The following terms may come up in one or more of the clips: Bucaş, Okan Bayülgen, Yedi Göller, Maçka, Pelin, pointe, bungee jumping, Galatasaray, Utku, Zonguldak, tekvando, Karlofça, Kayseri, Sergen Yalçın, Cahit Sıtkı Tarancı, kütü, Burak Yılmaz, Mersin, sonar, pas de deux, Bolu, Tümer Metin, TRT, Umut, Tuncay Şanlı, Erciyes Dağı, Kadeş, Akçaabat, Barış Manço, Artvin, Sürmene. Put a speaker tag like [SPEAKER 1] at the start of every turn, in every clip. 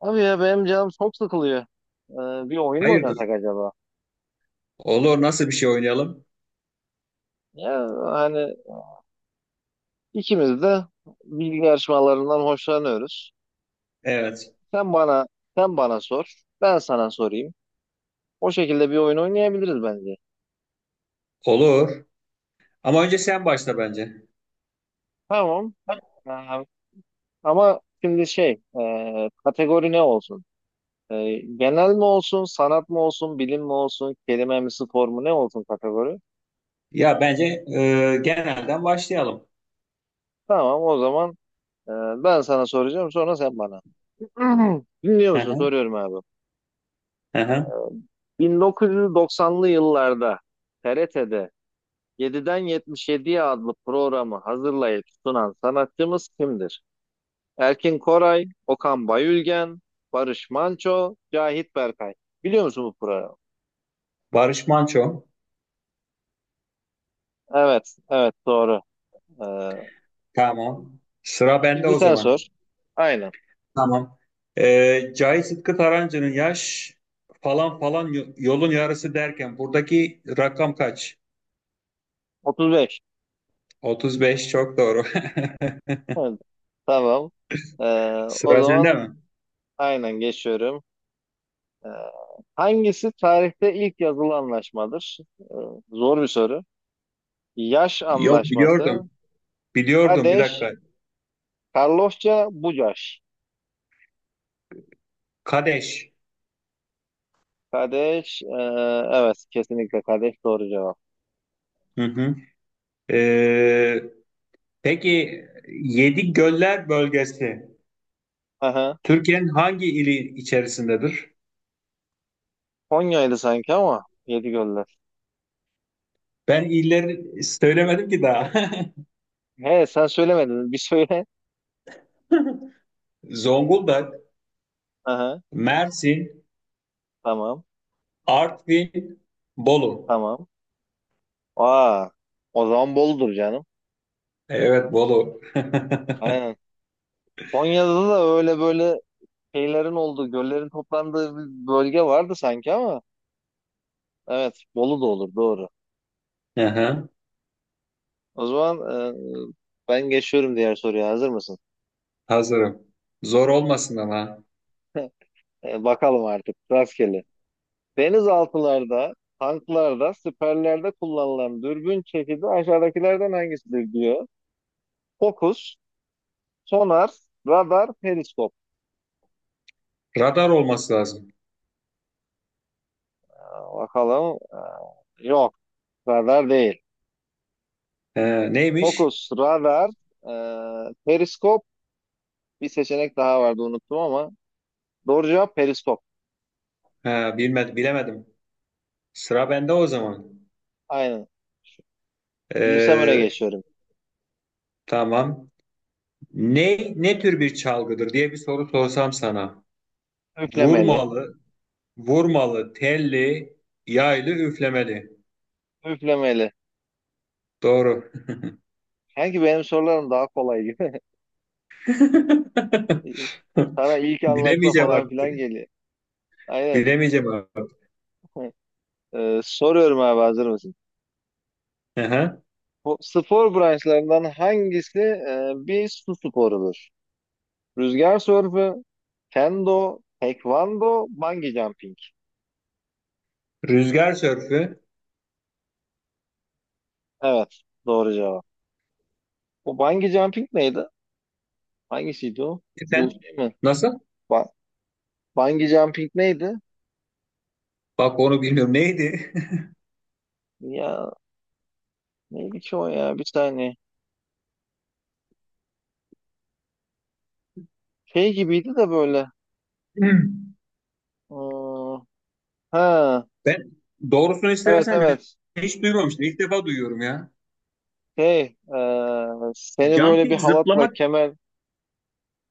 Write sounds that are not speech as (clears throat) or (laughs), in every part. [SPEAKER 1] Abi ya benim canım çok sıkılıyor. Bir oyun mu
[SPEAKER 2] Hayırdır?
[SPEAKER 1] oynasak acaba?
[SPEAKER 2] Olur. Nasıl bir şey oynayalım?
[SPEAKER 1] Ya hani ikimiz de bilgi yarışmalarından hoşlanıyoruz.
[SPEAKER 2] Evet.
[SPEAKER 1] Sen bana sen bana sor, ben sana sorayım. O şekilde bir oyun oynayabiliriz bence.
[SPEAKER 2] Olur. Ama önce sen başla bence.
[SPEAKER 1] Tamam. Ee, Ama şimdi kategori ne olsun? Genel mi olsun, sanat mı olsun, bilim mi olsun, kelime mi, spor mu ne olsun kategori?
[SPEAKER 2] Ya bence genelden başlayalım.
[SPEAKER 1] Tamam o zaman, e, ben sana soracağım sonra sen bana. (clears throat) Dinliyor
[SPEAKER 2] Hı
[SPEAKER 1] musun?
[SPEAKER 2] hı,
[SPEAKER 1] Soruyorum abi.
[SPEAKER 2] hı hı.
[SPEAKER 1] 1990'lı yıllarda TRT'de 7'den 77'ye adlı programı hazırlayıp sunan sanatçımız kimdir? Erkin Koray, Okan Bayülgen, Barış Manço, Cahit Berkay. Biliyor musun bu programı?
[SPEAKER 2] Barış Manço.
[SPEAKER 1] Evet, evet doğru. Ee,
[SPEAKER 2] Tamam. Sıra bende
[SPEAKER 1] Şimdi
[SPEAKER 2] o
[SPEAKER 1] sen
[SPEAKER 2] zaman.
[SPEAKER 1] sor. Aynen.
[SPEAKER 2] Tamam. Cahit Sıtkı Tarancı'nın yaş falan falan yolun yarısı derken buradaki rakam kaç?
[SPEAKER 1] 35.
[SPEAKER 2] 35 çok doğru.
[SPEAKER 1] Evet, tamam. Ee,
[SPEAKER 2] (laughs)
[SPEAKER 1] O
[SPEAKER 2] Sıra sende
[SPEAKER 1] zaman
[SPEAKER 2] mi?
[SPEAKER 1] aynen geçiyorum. Ee, Hangisi tarihte ilk yazılı anlaşmadır? Zor bir soru. Yaş
[SPEAKER 2] Yok
[SPEAKER 1] anlaşması.
[SPEAKER 2] biliyordum. Biliyordum bir
[SPEAKER 1] Kadeş,
[SPEAKER 2] dakika.
[SPEAKER 1] Karlofça, Bucaş.
[SPEAKER 2] Kadeş.
[SPEAKER 1] Kadeş, evet kesinlikle Kadeş doğru cevap.
[SPEAKER 2] Hı hı. Peki Yedi Göller bölgesi
[SPEAKER 1] Aha.
[SPEAKER 2] Türkiye'nin hangi ili içerisindedir?
[SPEAKER 1] Konya'ydı sanki ama yedi göller.
[SPEAKER 2] Ben illeri söylemedim ki daha.
[SPEAKER 1] He, sen söylemedin bir söyle.
[SPEAKER 2] (laughs) Zonguldak,
[SPEAKER 1] Aha,
[SPEAKER 2] Mersin,
[SPEAKER 1] tamam
[SPEAKER 2] Artvin, Bolu.
[SPEAKER 1] tamam. Aa, o zaman Bolu'dur canım.
[SPEAKER 2] Evet Bolu. (laughs)
[SPEAKER 1] Aynen. Konya'da da öyle böyle şeylerin olduğu, göllerin toplandığı bir bölge vardı sanki ama evet Bolu da olur doğru.
[SPEAKER 2] Aha,
[SPEAKER 1] O zaman, e, ben geçiyorum, diğer soruya hazır mısın?
[SPEAKER 2] hazırım. Zor olmasın ama.
[SPEAKER 1] Bakalım artık rastgele. Denizaltılarda, tanklarda, siperlerde kullanılan dürbün çeşidi aşağıdakilerden hangisidir diyor. Fokus, sonar, radar, periskop.
[SPEAKER 2] Radar olması lazım.
[SPEAKER 1] Aa, bakalım. Aa, yok, radar değil.
[SPEAKER 2] Neymiş?
[SPEAKER 1] Fokus, radar, periskop. Bir seçenek daha vardı unuttum ama. Doğru cevap periskop.
[SPEAKER 2] Ha, bilmedim, bilemedim. Sıra bende o zaman.
[SPEAKER 1] Aynen. Bilirsem öne
[SPEAKER 2] Ee,
[SPEAKER 1] geçiyorum.
[SPEAKER 2] tamam. Ne tür bir çalgıdır diye bir soru sorsam sana.
[SPEAKER 1] Üflemeli,
[SPEAKER 2] Vurmalı, vurmalı, telli, yaylı, üflemeli.
[SPEAKER 1] üflemeli.
[SPEAKER 2] Doğru.
[SPEAKER 1] Sanki benim sorularım daha kolay gibi.
[SPEAKER 2] (laughs)
[SPEAKER 1] (laughs) Sana ilk anlaşma
[SPEAKER 2] Bilemeyeceğim
[SPEAKER 1] falan filan
[SPEAKER 2] artık.
[SPEAKER 1] geliyor. Aynen.
[SPEAKER 2] Bilemeyeceğim artık.
[SPEAKER 1] (laughs) Soruyorum abi, hazır mısın?
[SPEAKER 2] Aha.
[SPEAKER 1] Bu spor branşlarından hangisi bir su sporudur? Rüzgar sörfü, kendo, tekvando, bungee jumping.
[SPEAKER 2] Rüzgar sörfü.
[SPEAKER 1] Evet, doğru cevap. O bungee jumping neydi? Hangisiydi o?
[SPEAKER 2] E
[SPEAKER 1] Bu
[SPEAKER 2] sen
[SPEAKER 1] şey mi?
[SPEAKER 2] nasıl?
[SPEAKER 1] Ba Bungee jumping neydi?
[SPEAKER 2] Bak onu bilmiyorum. Neydi?
[SPEAKER 1] Ya neydi ki o ya? Bir saniye. Şey gibiydi de böyle.
[SPEAKER 2] (laughs)
[SPEAKER 1] Aa, ha,
[SPEAKER 2] Ben doğrusunu
[SPEAKER 1] evet
[SPEAKER 2] istersen
[SPEAKER 1] evet.
[SPEAKER 2] hiç duymamıştım. İlk defa duyuyorum ya.
[SPEAKER 1] Şey, e, seni böyle bir
[SPEAKER 2] Jumping
[SPEAKER 1] halatla
[SPEAKER 2] zıplamak,
[SPEAKER 1] kemer.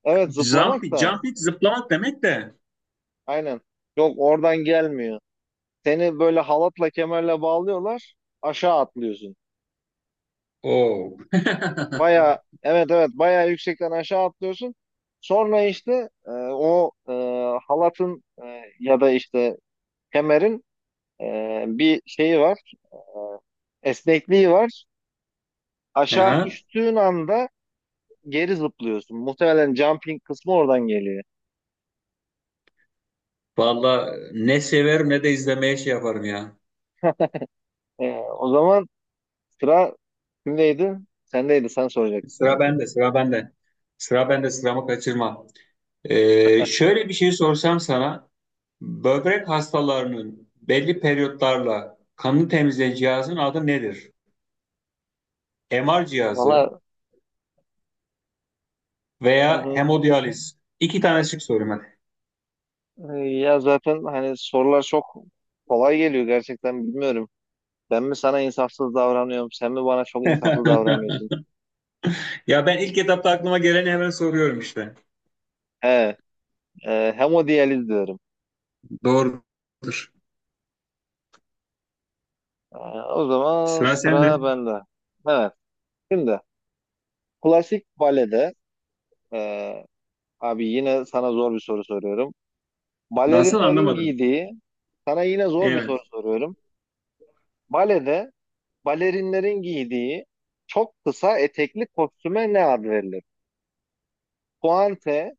[SPEAKER 1] Evet,
[SPEAKER 2] jump,
[SPEAKER 1] zıplamak da.
[SPEAKER 2] jumping zıplamak demek de.
[SPEAKER 1] Aynen. Yok, oradan gelmiyor. Seni böyle halatla kemerle bağlıyorlar. Aşağı atlıyorsun.
[SPEAKER 2] Oo. (laughs)
[SPEAKER 1] Baya, evet evet, baya yüksekten aşağı atlıyorsun. Sonra işte, o halatın, ya da işte kemerin bir şeyi var. Esnekliği var. Aşağı
[SPEAKER 2] Aha.
[SPEAKER 1] düştüğün anda geri zıplıyorsun. Muhtemelen jumping kısmı oradan geliyor.
[SPEAKER 2] Vallahi ne severim ne de izlemeye şey yaparım ya.
[SPEAKER 1] E, O zaman sıra kimdeydi? Sendeydi. Sen soracaktın
[SPEAKER 2] Sıra
[SPEAKER 1] sanki.
[SPEAKER 2] bende, sıra bende. Sıra bende, sıramı kaçırma. Şöyle bir şey sorsam sana, böbrek hastalarının belli periyotlarla kanını temizleyen cihazın adı nedir? MR
[SPEAKER 1] Valla,
[SPEAKER 2] cihazı
[SPEAKER 1] hı
[SPEAKER 2] veya
[SPEAKER 1] hı.
[SPEAKER 2] hemodiyaliz. İki tane şık soruyorum hadi.
[SPEAKER 1] Ya zaten hani sorular çok kolay geliyor, gerçekten bilmiyorum. Ben mi sana insafsız davranıyorum, sen mi bana çok insaflı davranıyorsun?
[SPEAKER 2] Ya ben ilk etapta aklıma geleni hemen soruyorum işte.
[SPEAKER 1] He, hemodiyaliz diyorum.
[SPEAKER 2] Doğrudur.
[SPEAKER 1] E, O zaman
[SPEAKER 2] Sıra sende.
[SPEAKER 1] sıra bende. Evet, şimdi klasik balede, e, abi yine sana zor bir soru soruyorum.
[SPEAKER 2] Nasıl
[SPEAKER 1] Balerinlerin
[SPEAKER 2] anlamadım?
[SPEAKER 1] giydiği, sana yine zor bir soru
[SPEAKER 2] Evet.
[SPEAKER 1] soruyorum. Balede balerinlerin giydiği çok kısa etekli kostüme ne ad verilir? Pointe,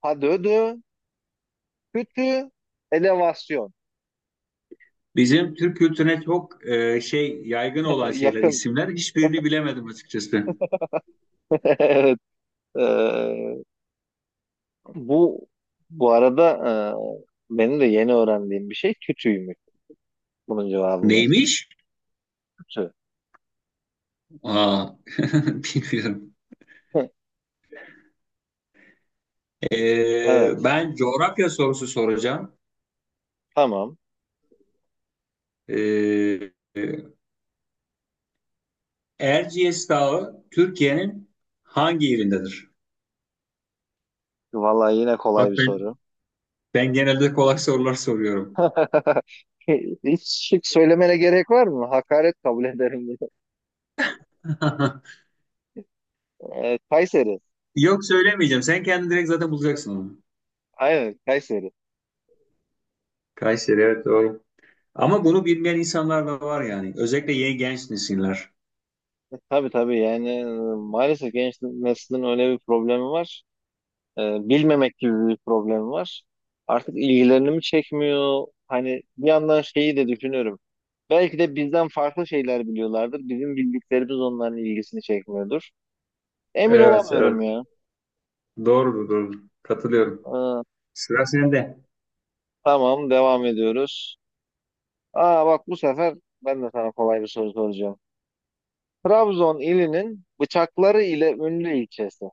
[SPEAKER 1] pas de deux, kötü, elevasyon.
[SPEAKER 2] Bizim Türk kültürüne çok şey yaygın
[SPEAKER 1] (laughs)
[SPEAKER 2] olan şeyler,
[SPEAKER 1] Yakın.
[SPEAKER 2] isimler hiçbirini
[SPEAKER 1] (laughs)
[SPEAKER 2] bilemedim açıkçası.
[SPEAKER 1] Evet. eee, bu bu arada, benim de yeni öğrendiğim bir şey kütüymüş. Bunun cevabı mesela.
[SPEAKER 2] Neymiş?
[SPEAKER 1] Kütü.
[SPEAKER 2] Aa, (laughs) bilmiyorum.
[SPEAKER 1] (laughs) Evet.
[SPEAKER 2] Ben coğrafya sorusu soracağım.
[SPEAKER 1] Tamam.
[SPEAKER 2] Ee, Erciyes Dağı Türkiye'nin hangi yerindedir?
[SPEAKER 1] Vallahi yine kolay bir
[SPEAKER 2] Bak ben,
[SPEAKER 1] soru.
[SPEAKER 2] ben genelde kolay sorular soruyorum.
[SPEAKER 1] (laughs) Hiç şık söylemene gerek var mı? Hakaret kabul ederim.
[SPEAKER 2] (laughs)
[SPEAKER 1] (laughs) Kayseri.
[SPEAKER 2] Yok söylemeyeceğim. Sen kendin direkt zaten bulacaksın onu.
[SPEAKER 1] Aynen, Kayseri.
[SPEAKER 2] Kayseri evet doğru. Ama bunu bilmeyen insanlar da var yani. Özellikle yeni genç nesiller.
[SPEAKER 1] Tabii tabii, yani, maalesef genç neslin öyle bir problemi var. E, Bilmemek gibi bir problem var. Artık ilgilerini mi çekmiyor? Hani bir yandan şeyi de düşünüyorum. Belki de bizden farklı şeyler biliyorlardır. Bizim bildiklerimiz onların ilgisini çekmiyordur. Emin
[SPEAKER 2] Evet
[SPEAKER 1] olamıyorum
[SPEAKER 2] evet.
[SPEAKER 1] ya.
[SPEAKER 2] Doğrudur doğru. Katılıyorum.
[SPEAKER 1] Ee,
[SPEAKER 2] Sıra sende.
[SPEAKER 1] tamam, devam ediyoruz. Aa, bak bu sefer ben de sana kolay bir soru soracağım. Trabzon ilinin bıçakları ile ünlü ilçesi.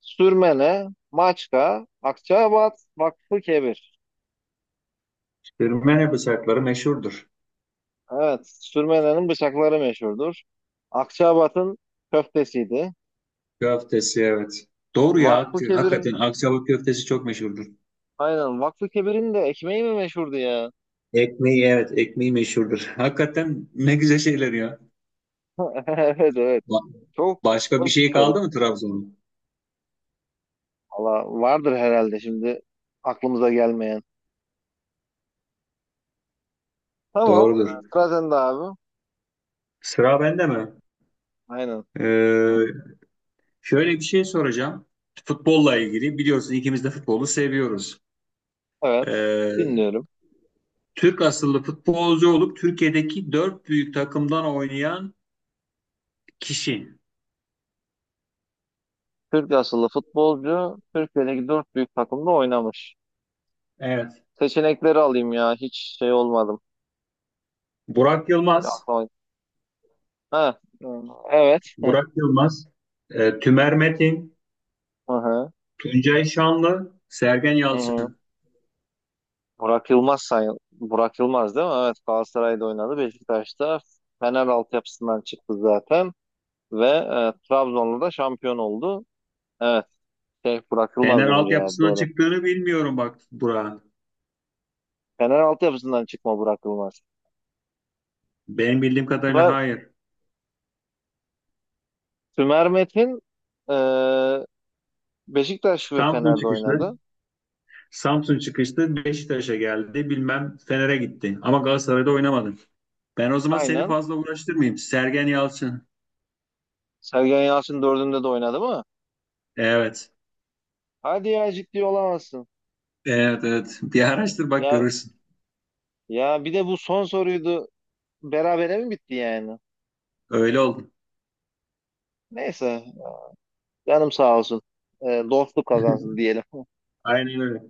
[SPEAKER 1] Sürmene, Maçka, Akçaabat, Vakfıkebir.
[SPEAKER 2] Sürmene bıçakları meşhurdur.
[SPEAKER 1] Evet, Sürmelerin bıçakları meşhurdur. Akçaabat'ın köftesiydi.
[SPEAKER 2] Köftesi evet. Doğru ya.
[SPEAKER 1] Vakfı Kebir'in,
[SPEAKER 2] Hakikaten Akçabat köftesi çok meşhurdur.
[SPEAKER 1] aynen Vakfı Kebir'in de ekmeği mi meşhurdu ya?
[SPEAKER 2] Ekmeği evet ekmeği meşhurdur. Hakikaten ne güzel şeyler ya.
[SPEAKER 1] (laughs) Evet, evet.
[SPEAKER 2] Ba-
[SPEAKER 1] Çok
[SPEAKER 2] başka bir
[SPEAKER 1] hoş bir
[SPEAKER 2] şey
[SPEAKER 1] soru.
[SPEAKER 2] kaldı mı Trabzon'un?
[SPEAKER 1] Valla vardır herhalde şimdi aklımıza gelmeyen. Tamam,
[SPEAKER 2] Doğrudur.
[SPEAKER 1] sıra sende abi.
[SPEAKER 2] Sıra bende mi?
[SPEAKER 1] Aynen.
[SPEAKER 2] Ee, şöyle bir şey soracağım. Futbolla ilgili biliyorsun ikimiz de futbolu seviyoruz.
[SPEAKER 1] Evet,
[SPEAKER 2] Ee,
[SPEAKER 1] dinliyorum.
[SPEAKER 2] Türk asıllı futbolcu olup Türkiye'deki dört büyük takımdan oynayan kişi.
[SPEAKER 1] Türk asıllı futbolcu, Türkiye'deki dört büyük takımda oynamış.
[SPEAKER 2] Evet.
[SPEAKER 1] Seçenekleri alayım ya, hiç şey olmadım.
[SPEAKER 2] Burak
[SPEAKER 1] Böyle
[SPEAKER 2] Yılmaz,
[SPEAKER 1] aklıma... Ha, evet. (laughs)
[SPEAKER 2] Burak Yılmaz, Tümer Metin,
[SPEAKER 1] Hı hı.
[SPEAKER 2] Tuncay Şanlı, Sergen
[SPEAKER 1] Hı hı.
[SPEAKER 2] Yalçın.
[SPEAKER 1] Burak Yılmaz say Burak Yılmaz değil mi? Evet, Galatasaray'da oynadı. Beşiktaş'ta, Fener altyapısından çıktı zaten, ve Trabzon'la da şampiyon oldu. Evet, Burak Yılmaz,
[SPEAKER 2] Fener
[SPEAKER 1] bunun cevabı
[SPEAKER 2] altyapısına
[SPEAKER 1] doğru.
[SPEAKER 2] çıktığını bilmiyorum bak Burak'ın.
[SPEAKER 1] Fener altyapısından çıkma Burak Yılmaz.
[SPEAKER 2] Benim bildiğim kadarıyla
[SPEAKER 1] Sümer,
[SPEAKER 2] hayır.
[SPEAKER 1] Sümer Metin, e, Beşiktaş ve
[SPEAKER 2] Samsun
[SPEAKER 1] Fener'de
[SPEAKER 2] çıkışlı.
[SPEAKER 1] oynadı.
[SPEAKER 2] Samsun çıkışlı Beşiktaş'a geldi. Bilmem Fener'e gitti. Ama Galatasaray'da oynamadı. Ben o zaman seni
[SPEAKER 1] Aynen.
[SPEAKER 2] fazla uğraştırmayayım. Sergen Yalçın.
[SPEAKER 1] Sergen Yalçın dördünde de oynadı mı?
[SPEAKER 2] Evet.
[SPEAKER 1] Hadi ya, ciddi olamazsın.
[SPEAKER 2] Evet evet. Bir araştır bak
[SPEAKER 1] Ya
[SPEAKER 2] görürsün.
[SPEAKER 1] ya bir de bu son soruydu. Berabere mi bitti yani?
[SPEAKER 2] Öyle oldu.
[SPEAKER 1] Neyse, canım sağ olsun. Dostluk kazansın
[SPEAKER 2] (laughs)
[SPEAKER 1] diyelim. (laughs)
[SPEAKER 2] Aynen öyle.